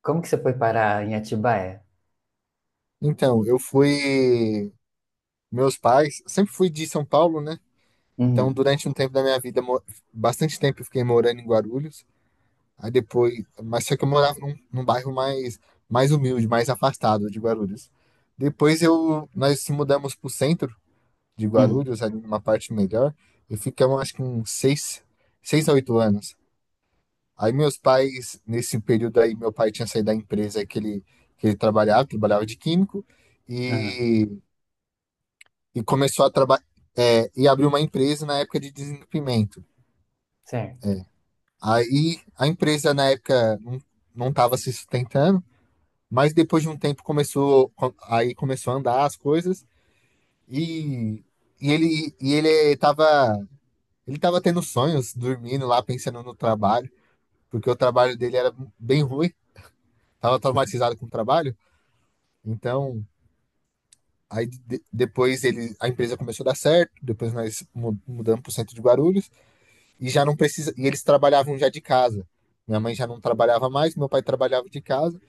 Como que você foi parar em Atibaia? Então, eu fui. Meus pais, sempre fui de São Paulo, né? Então, Uhum. durante um tempo da minha vida, bastante tempo eu fiquei morando em Guarulhos. Aí depois, mas só que eu morava num bairro mais humilde, mais afastado de Guarulhos. Depois eu, nós se mudamos para o centro de Uhum. Guarulhos, ali numa parte melhor, e ficamos acho que 6 a 8 anos. Aí meus pais, nesse período aí, meu pai tinha saído da empresa que ele trabalhava de químico, Aham. e e começou a trabalhar e abriu uma empresa na época de desentupimento. Certo. Aí a empresa na época não estava se sustentando, mas depois de um tempo começou a andar as coisas e, e ele tava tendo sonhos, dormindo lá pensando no trabalho, porque o trabalho dele era bem ruim, tava traumatizado com o trabalho, então. Aí de- depois ele, A empresa começou a dar certo, depois mudamos para o centro de Guarulhos, e já não precisa. E eles trabalhavam já de casa. Minha mãe já não trabalhava mais, meu pai trabalhava de casa.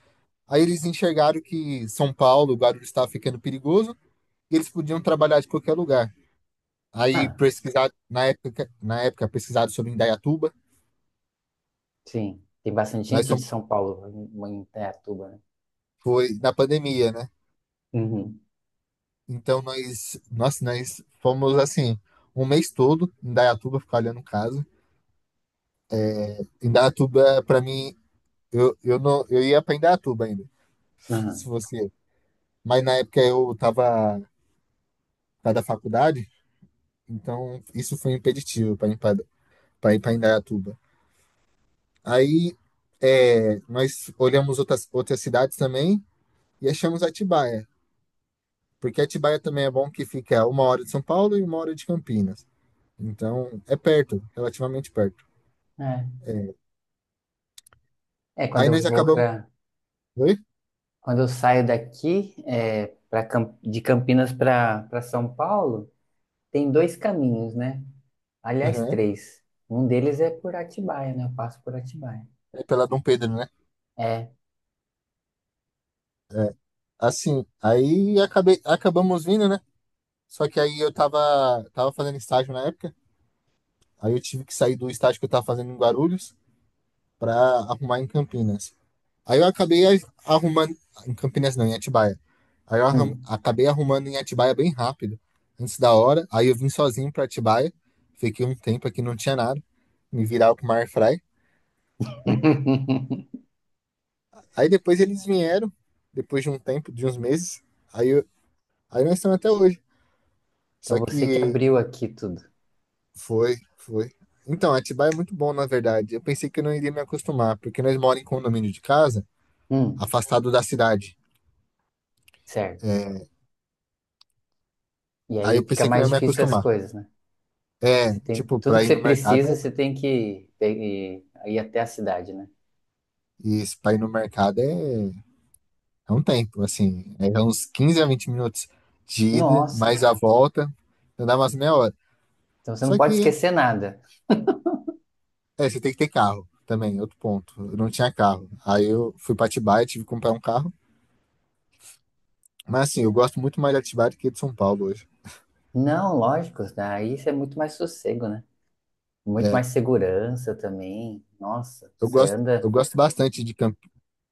Aí eles enxergaram que São Paulo, o Guarulhos estava ficando perigoso e eles podiam trabalhar de qualquer lugar. Aí Ah, na época pesquisado sobre Indaiatuba, sim. Tem bastante nós gente de somos, São Paulo em Indaiatuba, né? foi na pandemia, né? Uhum. Então nós fomos assim, 1 mês todo em Indaiatuba ficar olhando casa. Indaiatuba para mim, eu não, eu ia para Indaiatuba ainda, se Aham. fosse, mas na época da faculdade, então isso foi impeditivo para ir para Indaiatuba. Aí é, nós olhamos outras cidades também e achamos Atibaia, porque Atibaia também é bom que fica a 1 hora de São Paulo e 1 hora de Campinas. Então é perto, relativamente perto. É. É, quando Aí eu nós vou acabamos. para, Oi? quando eu saio daqui, pra, de Campinas para São Paulo, tem dois caminhos, né? Aliás, Uhum. três. Um deles é por Atibaia, né? Eu passo por Atibaia. É pela Dom Pedro, né? É. É. Assim, acabamos vindo, né? Só que tava fazendo estágio na época. Aí eu tive que sair do estágio que eu tava fazendo em Guarulhos para arrumar em Campinas. Aí eu acabei a- arrumando. Em Campinas não, em Atibaia. Hum. Acabei arrumando em Atibaia bem rápido, antes da hora. Aí eu vim sozinho para Atibaia. Fiquei um tempo aqui, não tinha nada. Me virava com uma airfry. Aí depois eles vieram, depois de um tempo, de uns meses. Aí, eu- aí nós estamos até hoje. Só Então você que que abriu aqui tudo. foi, foi. Então, Atibaia é muito bom, na verdade. Eu pensei que eu não iria me acostumar, porque nós moramos em condomínio de casa, Hum. afastado da cidade. Certo. É, E aí eu aí fica pensei que não ia mais me difícil as acostumar. coisas, né? É, Você tem tipo, tudo pra que ir você no mercado, precisa, é- você tem que pe- e- ir até a cidade, né? E esse pra ir no mercado é, é um tempo, assim, é uns 15 a 20 minutos de ida, Nossa, mais a volta, então dá umas meia hora. então você não Só pode que, esquecer nada. é, você tem que ter carro também, outro ponto. Eu não tinha carro. Aí eu fui pra Atibaia, tive que comprar um carro. Mas assim, eu gosto muito mais de Atibaia do que de São Paulo hoje. Não, lógico, daí isso é muito mais sossego, né? Muito É, mais segurança também. Nossa, eu você gosto, eu anda. gosto bastante de,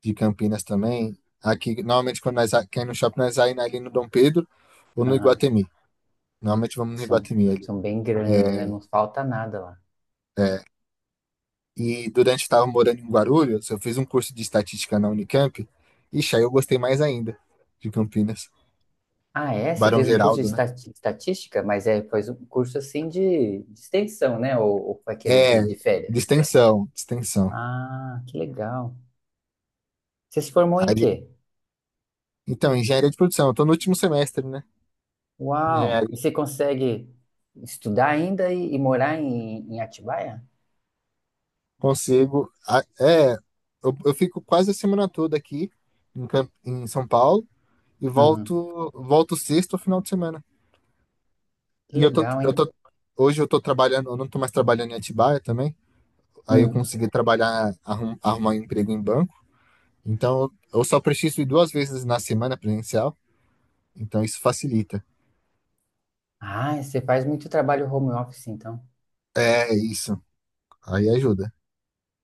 de Campinas também. Aqui, normalmente, quer ir no shopping, nós vai ali no Dom Pedro ou no Aham, Iguatemi. Normalmente vamos no são, Iguatemi ali. são bem grandes, né? É, Não falta nada lá. é, E durante que estava morando em Guarulhos, eu fiz um curso de estatística na Unicamp. Ixi, aí eu gostei mais ainda de Campinas. Ah, é? Você Barão fez um curso de Geraldo, né? Estatística, mas faz um curso assim de extensão, né? Ou aquele É, de de férias. extensão, de extensão. Ah, que legal. Você se formou em Aí, quê? então, engenharia de produção, eu tô no último semestre, né? Uau! E Engenharia. você consegue estudar ainda e morar em, em Atibaia? Consigo. É, eu fico quase a semana toda aqui em, em São Paulo e Uhum. Volto sexta ou final de semana. Que E legal, hein? Hoje eu tô trabalhando, eu não tô mais trabalhando em Atibaia também. Aí eu Hum. consegui trabalhar, arrumar um emprego em banco. Então, eu só preciso ir 2 vezes na semana presencial, então isso facilita. Ah, você faz muito trabalho home office, então. É isso. Aí ajuda,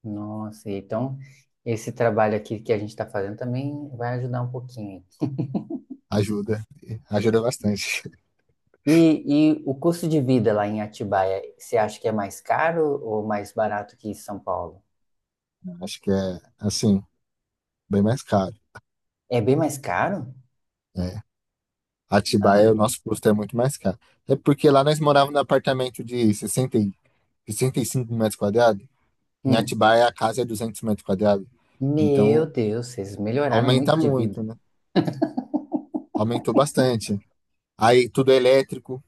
Nossa, então esse trabalho aqui que a gente está fazendo também vai ajudar um pouquinho. ajuda, ajuda bastante. E o custo de vida lá em Atibaia, você acha que é mais caro ou mais barato que São Paulo? Acho que é, assim, bem mais caro. É bem mais caro? É. Atibaia, Ah, o nosso custo é muito mais caro. É porque lá nós morávamos num apartamento de 65 metros quadrados. Em hum. Atibaia, a casa é 200 metros quadrados. Meu Então, Deus, vocês melhoraram muito aumenta de muito, vida. né? Aumentou bastante. Aí, tudo é elétrico.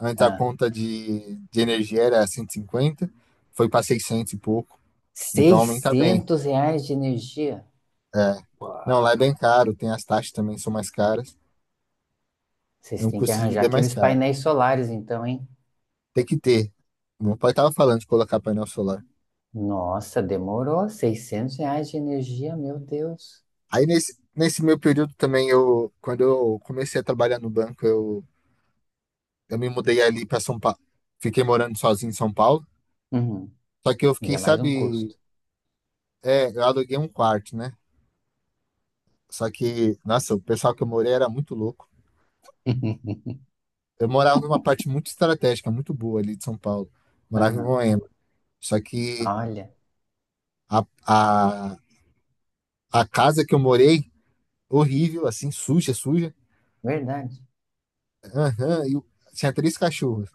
Antes a Ah. conta de, energia era 150, foi para 600 e pouco. Então aumenta bem. 600 reais de energia? É. Não, lá é bem caro, tem as taxas também são mais caras. É Vocês um têm que custo de arranjar vida mais aqueles caro. painéis solares, então, hein? Tem que ter. Meu pai tava falando de colocar painel solar. Nossa, demorou. 600 reais de energia, meu Deus. Aí nesse meu período também eu, quando eu comecei a trabalhar no banco, eu me mudei ali para São Paulo. Fiquei morando sozinho em São Paulo. Uhum. Só que eu Já fiquei, é mais um sabe, custo. é, eu aluguei um quarto, né? Só que, nossa, o pessoal que eu morei era muito louco. Eu morava numa parte muito estratégica, muito boa ali de São Paulo. Morava em Ah, Moema. Só que olha, a, a, a casa que eu morei, horrível, assim, suja, suja. verdade. Aham, tinha três cachorros.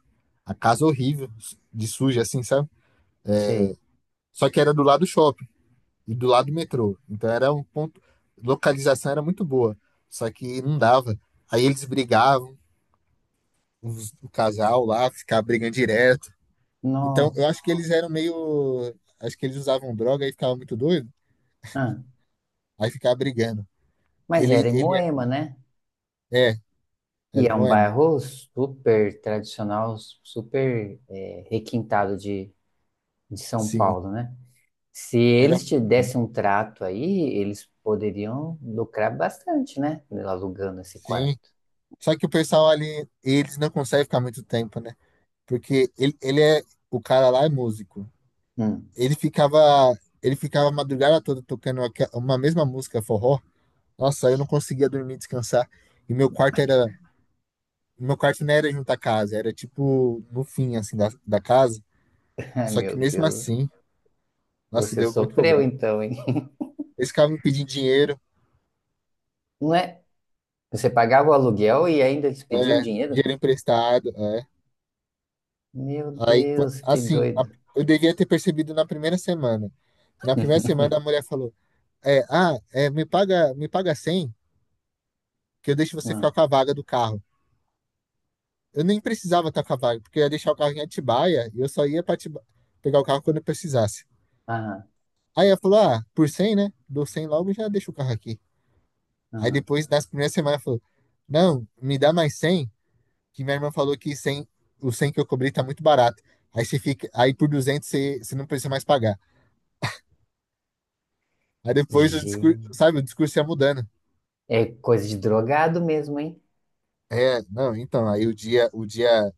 A casa horrível, de suja, assim, sabe? Sei. Só que era do lado do shopping e do lado do metrô. Então era um ponto. Localização era muito boa. Só que não dava. Aí eles brigavam, o casal lá, ficava brigando direto. Então eu Nossa. acho que eles eram meio. Acho que eles usavam droga e ficavam muito doidos. Ah, Aí ficava brigando. mas Ele, era em ele Moema, né? é, é, E era em é um Moema. bairro super tradicional, super requintado de São Sim, Paulo, né? Se era eles te muito bom. dessem um trato aí, eles poderiam lucrar bastante, né? Alugando esse Sim. quarto. Só que o pessoal ali, eles não conseguem ficar muito tempo, né? Porque o cara lá é músico. Hum. Ele ficava, ele ficava a madrugada toda tocando uma mesma música, forró. Nossa, eu não conseguia dormir, descansar. E meu quarto não era junto à casa, era tipo no fim, assim, da casa. Ai, Só meu que mesmo Deus. assim, nossa, Você deu muito sofreu problema. então, hein? Eles ficavam me pedindo dinheiro, Não é? Você pagava o aluguel e ainda eles pediam é, dinheiro? dinheiro emprestado. É. Meu Aí, qu- Deus, que assim, a- doido. eu devia ter percebido na primeira semana. Na primeira semana a mulher falou: me me paga 100 que eu deixo você ficar Hum. com a vaga do carro. Eu nem precisava estar com a vaga, porque eu ia deixar o carro em Atibaia e eu só ia para pegar o carro quando eu precisasse. Aham, Aí ela falou: ah, por 100 né? Dou 100 logo e já deixo o carro aqui. Aí aham. depois, nas primeiras semanas, ela falou: não, me dá mais 100 que minha irmã falou que 100, o 100 que eu cobri tá muito barato. Aí você fica, aí por 200 você, você não precisa mais pagar. Aí depois o discurso, Gente. sabe, o discurso ia mudando. É coisa de drogado mesmo, hein? É, não, então, aí o dia, o dia,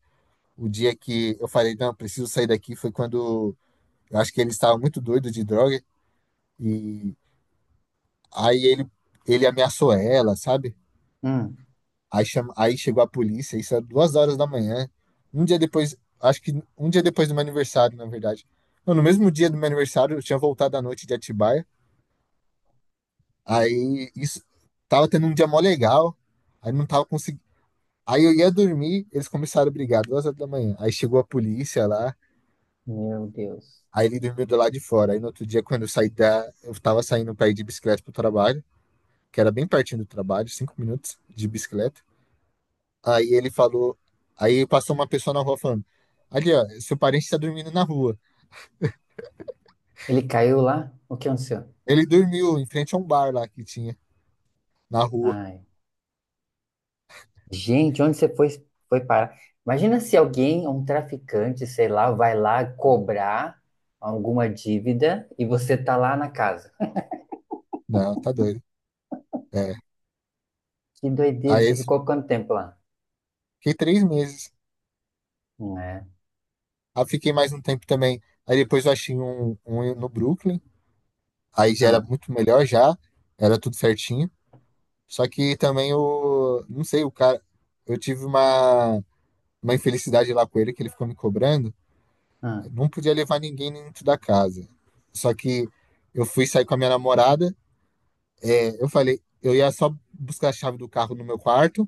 o dia que eu falei, não, preciso sair daqui foi quando eu acho que ele estava muito doido de droga e aí ele ameaçou ela, sabe? Hum. Aí chegou a polícia, isso era 2 horas da manhã. Um dia depois, acho que um dia depois do meu aniversário, na verdade. Não, no mesmo dia do meu aniversário, eu tinha voltado à noite de Atibaia. Aí isso tava tendo um dia mó legal, aí não tava conseguindo. Aí eu ia dormir, eles começaram a brigar, 2 horas da manhã. Aí chegou a polícia lá, Meu Deus. aí ele dormiu do lado de fora. Aí no outro dia, quando eu saí da. Eu tava saindo pra ir de bicicleta pro trabalho, que era bem pertinho do trabalho, 5 minutos de bicicleta. Aí ele falou. Aí passou uma pessoa na rua falando: ali, ó, seu parente tá dormindo na rua. Ele caiu lá? O que aconteceu? Ele dormiu em frente a um bar lá que tinha, na rua. Ai. Gente, onde você foi, foi parar? Imagina se alguém, um traficante, sei lá, vai lá cobrar alguma dívida e você tá lá na casa. Não, tá doido. É. Que doideira, Aí você eles- ficou quanto tempo lá? fiquei 3 meses. Não é? Aí fiquei mais um tempo também. Aí depois eu achei um no Brooklyn. Aí já era Ah, muito melhor já, era tudo certinho. Só que também o, não sei, o cara, eu tive uma, uma infelicidade lá com ele que ele ficou me cobrando. ah, Eu não podia levar ninguém dentro da casa. Só que eu fui sair com a minha namorada, é, eu falei, eu ia só buscar a chave do carro no meu quarto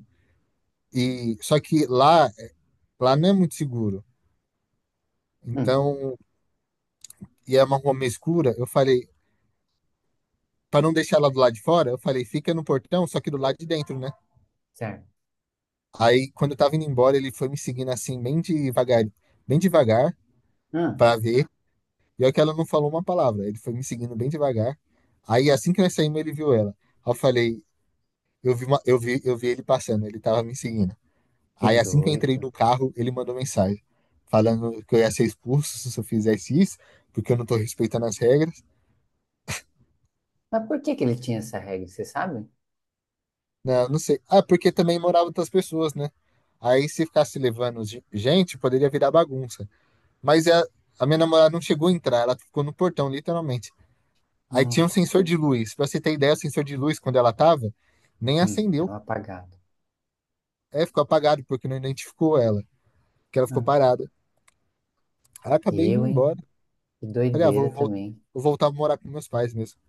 e só que lá não é muito seguro. hum, Então, e é uma rua meio escura, eu falei, para não deixar ela do lado de fora, eu falei, fica no portão, só que do lado de dentro, né? certo. Aí, quando eu tava indo embora, ele foi me seguindo assim, bem devagar, Ah, pra ver. E olha que ela não falou uma palavra, ele foi me seguindo bem devagar. Aí, assim que nós saímos, ele viu ela. Aí eu falei, eu vi, uma- eu vi ele passando, ele tava me seguindo. que Aí, assim que eu entrei doido. no carro, ele mandou mensagem, falando que eu ia ser expulso se eu fizesse isso, porque eu não tô respeitando as regras. Mas por que que ele tinha essa regra, você sabe? Não, não sei. Ah, porque também moravam outras pessoas, né? Aí, se ficasse levando gente, poderia virar bagunça. Mas a minha namorada não chegou a entrar, ela ficou no portão, literalmente. Aí tinha Não. um sensor de luz. Pra você ter ideia, o sensor de luz, quando ela tava, nem acendeu. Tava apagado. É, ficou apagado, porque não identificou ela, que ela ficou Hum. parada. Aí eu acabei indo Eu, hein? embora. Que Falei, ah, doideira também. vou voltar a morar com meus pais mesmo,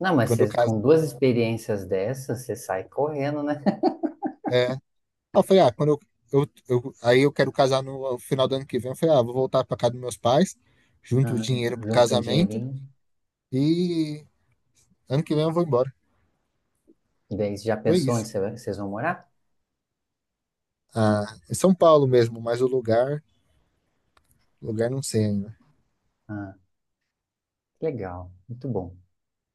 Não, mas quando eu caso. com duas experiências dessas, você sai correndo, né? É. Aí eu falei, ah, quando eu, eu- Aí eu quero casar no final do ano que vem. Eu falei, ah, vou voltar pra casa dos meus pais, junto o Ah, dinheiro pro junta um casamento, dinheirinho. e ano que vem eu vou embora. E daí, você já Foi pensou onde isso. você vai- vocês vão morar? Ah, em São Paulo mesmo, mas o lugar. Lugar não sei ainda. Ah, que legal, muito bom.